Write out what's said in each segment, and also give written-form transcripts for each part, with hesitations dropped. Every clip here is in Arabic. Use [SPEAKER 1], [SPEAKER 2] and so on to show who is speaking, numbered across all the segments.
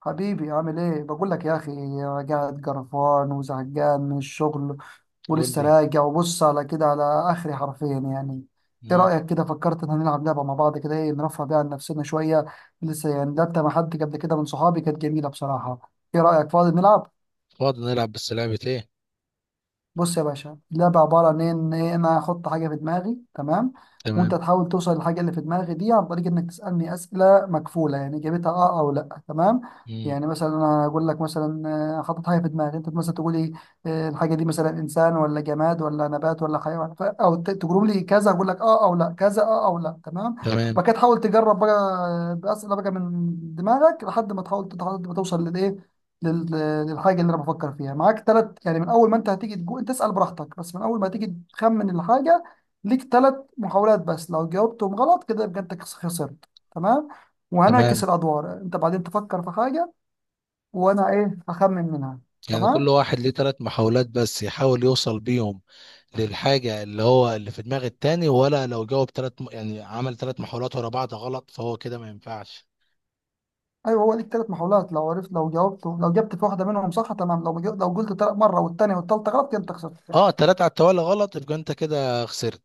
[SPEAKER 1] حبيبي عامل ايه؟ بقول لك يا اخي، قاعد قرفان وزهقان من الشغل،
[SPEAKER 2] قول
[SPEAKER 1] ولسه
[SPEAKER 2] لي.
[SPEAKER 1] راجع وبص على كده على اخري حرفيا يعني. ايه
[SPEAKER 2] مم.
[SPEAKER 1] رايك كده؟ فكرت ان هنلعب لعبه مع بعض كده، ايه نرفه بيها عن نفسنا شويه. لسه يعني لعبت مع حد قبل كده من صحابي، كانت جميله بصراحه. ايه رايك فاضي نلعب؟
[SPEAKER 2] فاضي نلعب، بس لعبة ايه؟
[SPEAKER 1] بص يا باشا، اللعبة عبارة عن إيه؟ إن أنا أحط حاجة في دماغي، تمام، وأنت
[SPEAKER 2] تمام.
[SPEAKER 1] تحاول توصل للحاجة اللي في دماغي دي عن طريق إنك تسألني أسئلة مكفولة، يعني إجابتها أه أو لأ، تمام.
[SPEAKER 2] مم.
[SPEAKER 1] يعني مثلا أنا أقول لك مثلا حاطط حاجة في دماغي، أنت مثلا تقول لي الحاجة دي مثلا إنسان ولا جماد ولا نبات ولا حيوان، تقول لي كذا أقول لك أه أو لأ، كذا أه أو لأ، تمام.
[SPEAKER 2] تمام.
[SPEAKER 1] وبعد كده تحاول تجرب بقى بأسئلة بقى من دماغك لحد ما تحاول، لحد ما توصل للإيه، لل- للحاجه اللي انا بفكر فيها. معاك ثلاث يعني، من اول ما انت هتيجي تجو انت اسال براحتك، بس من اول ما تيجي تخمن الحاجه ليك ثلاث محاولات بس. لو جاوبتهم غلط كده يبقى انت خسرت، تمام.
[SPEAKER 2] تمام.
[SPEAKER 1] وهنعكس الادوار، انت بعدين تفكر في حاجه وانا ايه هخمن منها.
[SPEAKER 2] يعني كل
[SPEAKER 1] تمام،
[SPEAKER 2] واحد ليه ثلاث محاولات بس يحاول يوصل بيهم للحاجة اللي هو اللي في دماغ التاني، ولا لو جاوب ثلاث يعني عمل ثلاث محاولات ورا بعض غلط فهو كده ما ينفعش.
[SPEAKER 1] ايوه، هو ليك ثلاث محاولات. لو عرفت، لو جاوبته، لو جبت في واحده منهم صح، تمام. لو لو قلت مره والثانيه والثالثه غلط كده انت خسرت يعني.
[SPEAKER 2] اه، ثلاثة على التوالي غلط يبقى انت كده خسرت.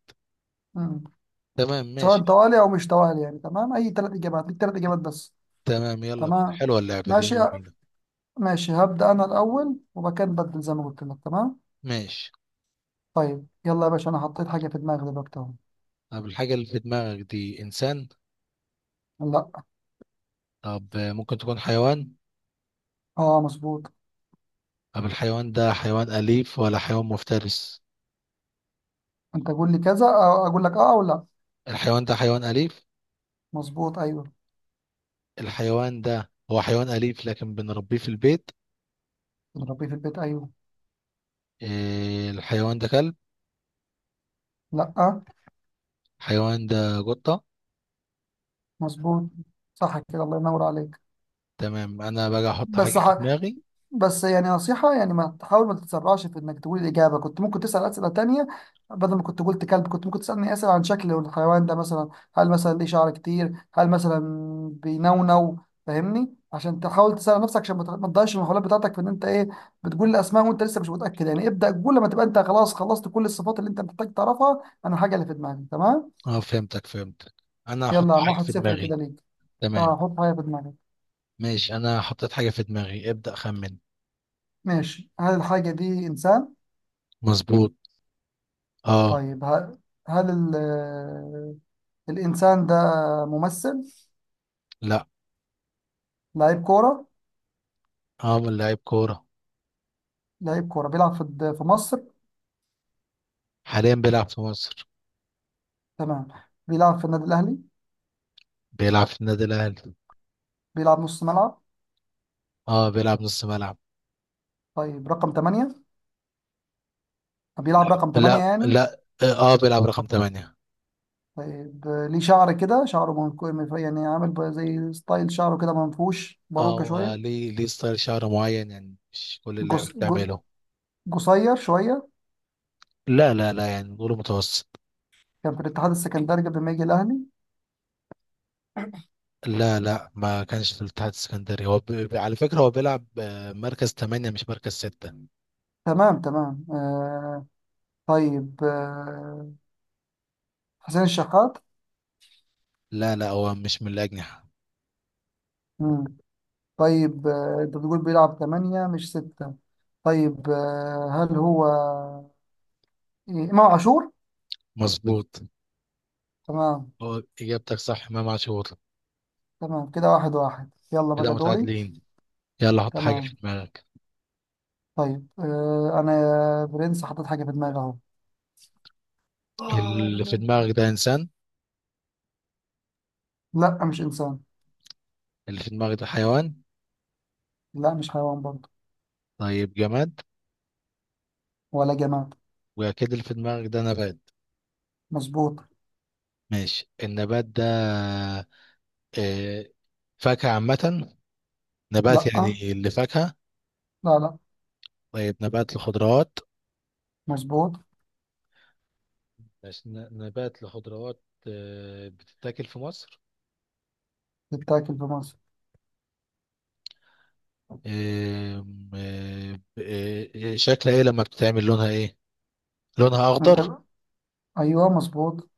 [SPEAKER 1] مم.
[SPEAKER 2] تمام،
[SPEAKER 1] سواء
[SPEAKER 2] ماشي.
[SPEAKER 1] توالي او مش توالي يعني، تمام، اي ثلاث اجابات، ليك ثلاث اجابات بس.
[SPEAKER 2] تمام، يلا بينا،
[SPEAKER 1] تمام،
[SPEAKER 2] حلوة اللعبة دي،
[SPEAKER 1] ماشي.
[SPEAKER 2] يلا بينا.
[SPEAKER 1] ماشي، هبدأ أنا الأول وبعد كده نبدل زي ما قلت لك، تمام.
[SPEAKER 2] ماشي.
[SPEAKER 1] طيب يلا يا باشا، أنا حطيت حاجة في دماغي دلوقتي أهو.
[SPEAKER 2] طب الحاجة اللي في دماغك دي إنسان؟
[SPEAKER 1] لا.
[SPEAKER 2] طب ممكن تكون حيوان؟
[SPEAKER 1] أه مظبوط.
[SPEAKER 2] طب الحيوان ده حيوان أليف ولا حيوان مفترس؟
[SPEAKER 1] أنت قول لي كذا أو أقول لك أه أو لا.
[SPEAKER 2] الحيوان ده حيوان أليف.
[SPEAKER 1] مظبوط أيوه.
[SPEAKER 2] الحيوان ده هو حيوان أليف، لكن بنربيه في البيت.
[SPEAKER 1] بنربيه في البيت أيوه.
[SPEAKER 2] إيه، الحيوان ده كلب؟
[SPEAKER 1] لا.
[SPEAKER 2] الحيوان ده قطة.
[SPEAKER 1] مظبوط. صح كده، الله ينور عليك.
[SPEAKER 2] تمام، أنا بقى أحط
[SPEAKER 1] بس
[SPEAKER 2] حاجة في
[SPEAKER 1] ح...
[SPEAKER 2] دماغي.
[SPEAKER 1] بس يعني نصيحة يعني، ما تحاول، ما تتسرعش في انك تقول الإجابة. كنت ممكن تسأل أسئلة تانية. بدل ما كنت قلت كلب، كنت ممكن تسألني أسئلة عن شكل الحيوان ده مثلا، هل مثلا ليه شعر كتير، هل مثلا بينونو، فاهمني؟ عشان تحاول تسأل نفسك عشان ما ما تضيعش المحاولات بتاعتك في ان انت ايه، بتقول الأسماء وانت لسه مش متأكد. يعني ابدأ قول لما تبقى انت خلاص خلصت كل الصفات اللي انت محتاج تعرفها عن الحاجة اللي في دماغك، تمام.
[SPEAKER 2] أه، فهمتك فهمتك. أنا
[SPEAKER 1] يلا
[SPEAKER 2] أحط
[SPEAKER 1] يا عم،
[SPEAKER 2] حاجة
[SPEAKER 1] واحد
[SPEAKER 2] في
[SPEAKER 1] صفر
[SPEAKER 2] دماغي.
[SPEAKER 1] كده ليك.
[SPEAKER 2] تمام،
[SPEAKER 1] اه حط حاجة في دماغك.
[SPEAKER 2] ماشي. أنا حطيت حاجة في دماغي، ابدأ خمن.
[SPEAKER 1] ماشي، هل الحاجة دي إنسان؟
[SPEAKER 2] مظبوط. أه.
[SPEAKER 1] طيب ه- هل ال الإنسان ده ممثل؟
[SPEAKER 2] لا.
[SPEAKER 1] لعيب كورة؟
[SPEAKER 2] أه، من لعيب كورة.
[SPEAKER 1] لعيب كورة بيلعب في في مصر؟
[SPEAKER 2] حاليا بيلعب في مصر.
[SPEAKER 1] تمام. بيلعب في النادي الأهلي؟
[SPEAKER 2] بيلعب في النادي الأهلي.
[SPEAKER 1] بيلعب نص ملعب؟
[SPEAKER 2] أه، بيلعب نص ملعب.
[SPEAKER 1] طيب رقم 8؟
[SPEAKER 2] لا
[SPEAKER 1] بيلعب رقم 8
[SPEAKER 2] لا
[SPEAKER 1] يعني؟
[SPEAKER 2] لا، أه، بيلعب رقم 8.
[SPEAKER 1] طيب ليه شعر كده، شعره يعني عامل زي ستايل شعره كده منفوش، باروكة
[SPEAKER 2] او،
[SPEAKER 1] شوية؟
[SPEAKER 2] ليه ستايل شعر معين، يعني مش كل اللعيبه
[SPEAKER 1] جس... ج-
[SPEAKER 2] بتعمله.
[SPEAKER 1] قصير شوية؟
[SPEAKER 2] لا لا لا، يعني نقوله متوسط.
[SPEAKER 1] كان في الاتحاد السكندري قبل ما يجي الأهلي؟
[SPEAKER 2] لا لا، ما كانش في الاتحاد السكندري. هو على فكره هو بيلعب مركز 8 مش مركز 6.
[SPEAKER 1] تمام تمام آه... طيب آه... حسين الشحات؟
[SPEAKER 2] لا لا، هو مش من الاجنحه.
[SPEAKER 1] طيب آه، انت بتقول بيلعب ثمانية مش ستة. طيب هل هو إمام عاشور؟
[SPEAKER 2] مظبوط،
[SPEAKER 1] تمام.
[SPEAKER 2] هو اجابتك صح، امام عاشور.
[SPEAKER 1] تمام كده واحد واحد، يلا
[SPEAKER 2] كده
[SPEAKER 1] بقى دوري.
[SPEAKER 2] متعادلين. يلا حط حاجه في
[SPEAKER 1] تمام.
[SPEAKER 2] دماغك.
[SPEAKER 1] طيب أنا يا برنس حطيت حاجة في دماغي أهو.
[SPEAKER 2] اللي في دماغك ده انسان؟
[SPEAKER 1] لا، مش إنسان.
[SPEAKER 2] اللي في دماغك ده حيوان؟
[SPEAKER 1] لا، مش حيوان برضه.
[SPEAKER 2] طيب، جماد؟
[SPEAKER 1] ولا جماد.
[SPEAKER 2] واكيد اللي في دماغك ده نبات.
[SPEAKER 1] مظبوط.
[SPEAKER 2] ماشي، النبات ده آه، فاكهة عامة؟ نبات
[SPEAKER 1] لا،
[SPEAKER 2] يعني لفاكهة؟
[SPEAKER 1] لا لا.
[SPEAKER 2] طيب، نبات لخضروات؟
[SPEAKER 1] مظبوط.
[SPEAKER 2] ماشي، نبات لخضروات. بتتاكل في مصر؟
[SPEAKER 1] بتاكل في مصر.
[SPEAKER 2] آم، آه، ب- شكلها ايه لما بتتعمل، لونها ايه؟ لونها اخضر.
[SPEAKER 1] أنت أيوه مظبوط.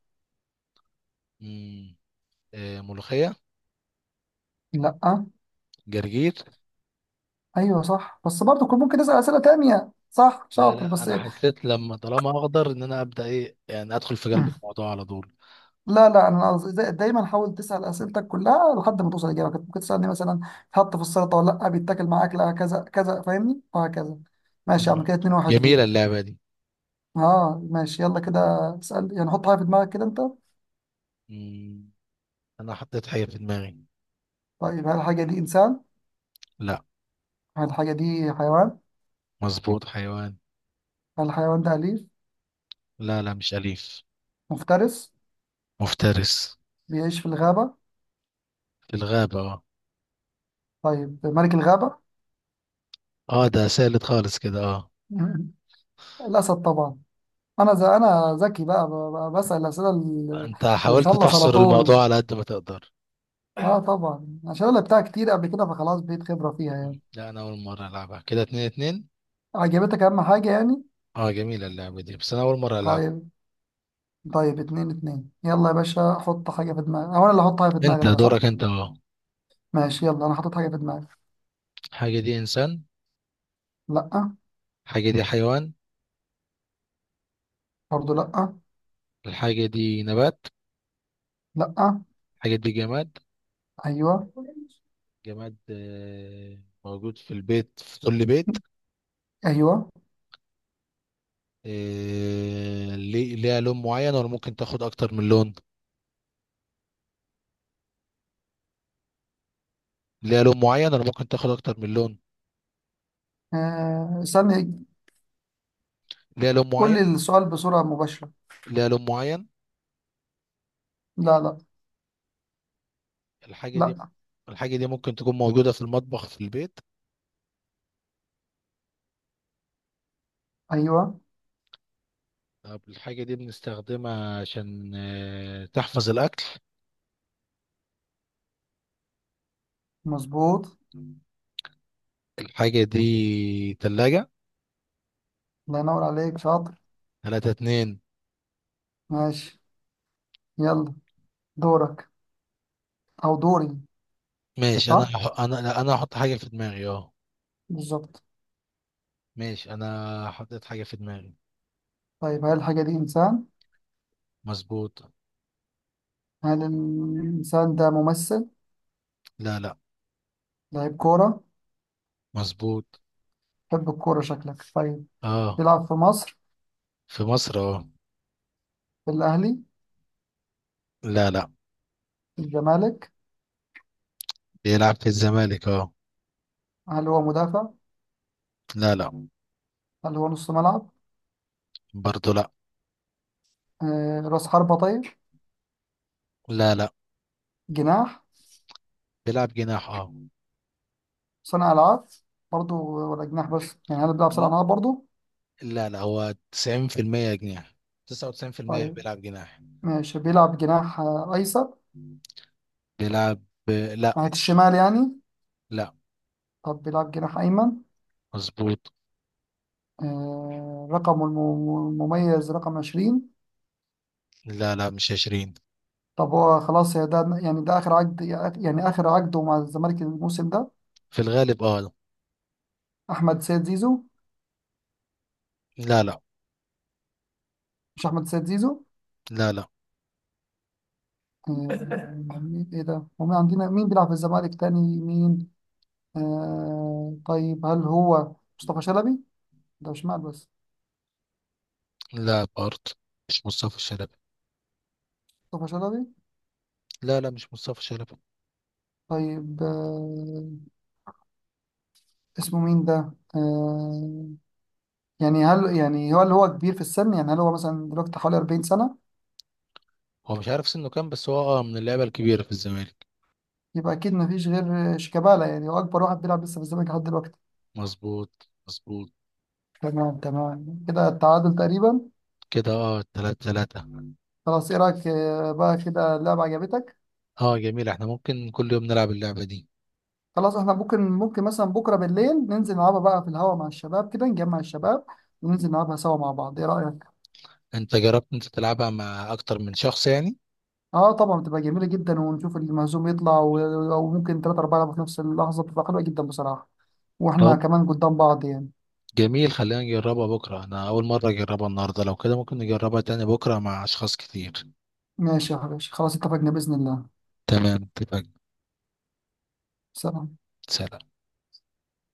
[SPEAKER 2] مم، ملوخية؟
[SPEAKER 1] لا.
[SPEAKER 2] جرجير؟
[SPEAKER 1] أيوه صح، بس برضه كنت ممكن تسأل أسئلة تانية. صح،
[SPEAKER 2] لا
[SPEAKER 1] شاطر
[SPEAKER 2] لا،
[SPEAKER 1] بس.
[SPEAKER 2] انا حسيت لما طالما اخضر ان انا ابدا ايه يعني، ادخل في قلب الموضوع على طول.
[SPEAKER 1] لا لا، انا قصدي دايما حاول تسال اسئلتك كلها لحد ما توصل اجابه. كنت ممكن تسالني مثلا تحط في السلطه ولا لا، بيتاكل مع اكله كذا كذا، فاهمني؟ وهكذا. ماشي يا
[SPEAKER 2] مم.
[SPEAKER 1] عم، كده 2-1
[SPEAKER 2] جميلة
[SPEAKER 1] ليك.
[SPEAKER 2] اللعبة دي.
[SPEAKER 1] اه ماشي، يلا كده اسال، يعني حط حاجه في دماغك كده انت.
[SPEAKER 2] مم، انا حطيت حاجة في دماغي.
[SPEAKER 1] طيب هل الحاجه دي انسان؟
[SPEAKER 2] لا.
[SPEAKER 1] هل الحاجه دي حيوان؟
[SPEAKER 2] مظبوط، حيوان.
[SPEAKER 1] هل الحيوان ده اليف؟
[SPEAKER 2] لا لا، مش أليف.
[SPEAKER 1] مفترس؟
[SPEAKER 2] مفترس.
[SPEAKER 1] بيعيش في الغابه؟
[SPEAKER 2] في الغابة.
[SPEAKER 1] طيب ملك الغابه؟
[SPEAKER 2] اه، ده سالت خالص كده، اه.
[SPEAKER 1] الاسد طبعا. انا زي، انا ذكي بقى، بسال الاسئله
[SPEAKER 2] انت
[SPEAKER 1] اللي
[SPEAKER 2] حاولت
[SPEAKER 1] تخلص على
[SPEAKER 2] تحصر
[SPEAKER 1] طول.
[SPEAKER 2] الموضوع على قد ما تقدر.
[SPEAKER 1] اه طبعا، عشان انا لعبتها كتير قبل كده فخلاص بقيت خبرة فيها يعني.
[SPEAKER 2] مم. لا، انا اول مرة العبها، كده اتنين اتنين.
[SPEAKER 1] عجبتك، اهم حاجة يعني.
[SPEAKER 2] اه، جميلة اللعبة دي بس انا اول مرة العبها.
[SPEAKER 1] طيب. طيب اتنين اتنين، يلا يا باشا حط حاجة في دماغك او انا اللي احط حاجة في دماغي
[SPEAKER 2] انت
[SPEAKER 1] بقى، صح؟
[SPEAKER 2] دورك، انت، اه.
[SPEAKER 1] ماشي، يلا انا حطيت حاجة في دماغي.
[SPEAKER 2] الحاجة دي انسان؟
[SPEAKER 1] لا.
[SPEAKER 2] الحاجة دي حيوان؟
[SPEAKER 1] برضه لا.
[SPEAKER 2] الحاجة دي نبات؟
[SPEAKER 1] لا.
[SPEAKER 2] الحاجة دي جماد؟
[SPEAKER 1] ايوه.
[SPEAKER 2] جماد، موجود في البيت، في كل بيت.
[SPEAKER 1] ايوه.
[SPEAKER 2] ليها لون معين ولا ممكن تاخد اكتر من لون؟ ليها لون معين ولا ممكن تاخد اكتر من لون؟
[SPEAKER 1] آه استني.
[SPEAKER 2] ليها لون
[SPEAKER 1] قول
[SPEAKER 2] معين؟
[SPEAKER 1] لي السؤال بصورة مباشرة.
[SPEAKER 2] ليها لون معين.
[SPEAKER 1] لا لا.
[SPEAKER 2] الحاجة
[SPEAKER 1] لا.
[SPEAKER 2] دي الحاجة دي ممكن تكون موجودة في المطبخ، في البيت.
[SPEAKER 1] ايوه.
[SPEAKER 2] طب الحاجة دي بنستخدمها عشان تحفظ الأكل.
[SPEAKER 1] مظبوط.
[SPEAKER 2] الحاجة دي تلاجة.
[SPEAKER 1] الله ينور عليك شاطر.
[SPEAKER 2] تلاتة اتنين.
[SPEAKER 1] ماشي. يلا دورك، او دوري.
[SPEAKER 2] ماشي.
[SPEAKER 1] صح،
[SPEAKER 2] أنا لا، أنا هحط حاجة في دماغي، أه.
[SPEAKER 1] بالظبط.
[SPEAKER 2] ماشي أنا حطيت حاجة في دماغي
[SPEAKER 1] طيب هل الحاجة دي انسان؟
[SPEAKER 2] مظبوط.
[SPEAKER 1] هل الإنسان ده ممثل؟
[SPEAKER 2] لا لا.
[SPEAKER 1] لعيب كورة؟
[SPEAKER 2] مظبوط،
[SPEAKER 1] تحب الكورة شكلك، طيب.
[SPEAKER 2] أه.
[SPEAKER 1] بيلعب في مصر؟
[SPEAKER 2] في مصر، أه.
[SPEAKER 1] في الأهلي؟
[SPEAKER 2] لا لا.
[SPEAKER 1] في الزمالك؟
[SPEAKER 2] بيلعب في الزمالك، أه.
[SPEAKER 1] هل هو مدافع؟
[SPEAKER 2] لا لا.
[SPEAKER 1] هل هو نص ملعب؟
[SPEAKER 2] برضه لا.
[SPEAKER 1] رأس حربة طيب؟
[SPEAKER 2] لا لا.
[SPEAKER 1] جناح؟
[SPEAKER 2] بيلعب جناح، أه.
[SPEAKER 1] صانع ألعاب برضو؟ ولا جناح بس يعني، هل بيلعب صانع ألعاب برضو؟
[SPEAKER 2] لا لا، هو 90% جناح. 99%
[SPEAKER 1] طيب.
[SPEAKER 2] بيلعب جناح.
[SPEAKER 1] ماشي بيلعب جناح أيسر؟
[SPEAKER 2] بيلعب لا
[SPEAKER 1] ناحية الشمال يعني.
[SPEAKER 2] لا.
[SPEAKER 1] طب بيلعب جناح أيمن؟
[SPEAKER 2] مظبوط.
[SPEAKER 1] آه، رقمه المميز رقم 20؟
[SPEAKER 2] لا لا، مش 20.
[SPEAKER 1] طب هو خلاص يا ده يعني، ده آخر عقد يعني، آخر عقده مع الزمالك الموسم ده؟
[SPEAKER 2] في الغالب، اه.
[SPEAKER 1] احمد سيد زيزو؟
[SPEAKER 2] لا لا.
[SPEAKER 1] مش احمد سيد زيزو؟
[SPEAKER 2] لا لا.
[SPEAKER 1] آه مين، ايه ده، ومين عندنا، مين بيلعب في الزمالك تاني، مين؟ آه طيب هل هو مصطفى شلبي؟ ده مش مال بس.
[SPEAKER 2] لا، بارد. مش مصطفى شلبي.
[SPEAKER 1] مصطفى شلبي.
[SPEAKER 2] لا لا، مش مصطفى شلبي.
[SPEAKER 1] طيب آه، اسمه مين ده، آه، يعني هل يعني هو اللي هو كبير في السن يعني، هل هو مثلا دلوقتي حوالي 40 سنة؟
[SPEAKER 2] هو مش عارف سنه كام، بس هو من اللعيبة الكبيرة في الزمالك.
[SPEAKER 1] يبقى اكيد ما فيش غير شيكابالا يعني، هو اكبر واحد بيلعب لسه في الزمالك لحد دلوقتي.
[SPEAKER 2] مظبوط مظبوط.
[SPEAKER 1] تمام تمام كده، التعادل تقريبا.
[SPEAKER 2] كده تلاتة تلاتة.
[SPEAKER 1] خلاص، ايه رايك بقى كده اللعبة عجبتك؟
[SPEAKER 2] اه، جميل، احنا ممكن كل يوم نلعب اللعبة دي.
[SPEAKER 1] خلاص احنا ممكن، مثلا بكرة بالليل ننزل نلعبها بقى في الهوا مع الشباب كده، نجمع الشباب وننزل نلعبها سوا مع بعض، ايه رأيك؟
[SPEAKER 2] انت جربت انت تلعبها مع اكتر من شخص يعني؟
[SPEAKER 1] اه طبعا، بتبقى جميلة جدا. ونشوف المهزوم يطلع، وممكن تلاتة أربعة يلعبوا في نفس اللحظة، بتبقى حلوة جدا بصراحة. واحنا كمان قدام بعض يعني.
[SPEAKER 2] جميل، خلينا نجربها بكرة. أنا أول مرة أجربها النهاردة، لو كده ممكن نجربها تاني بكرة مع أشخاص كتير.
[SPEAKER 1] ماشي يا حبيبي، خلاص اتفقنا بإذن الله.
[SPEAKER 2] تمام، اتفقنا.
[SPEAKER 1] سلام.
[SPEAKER 2] سلام.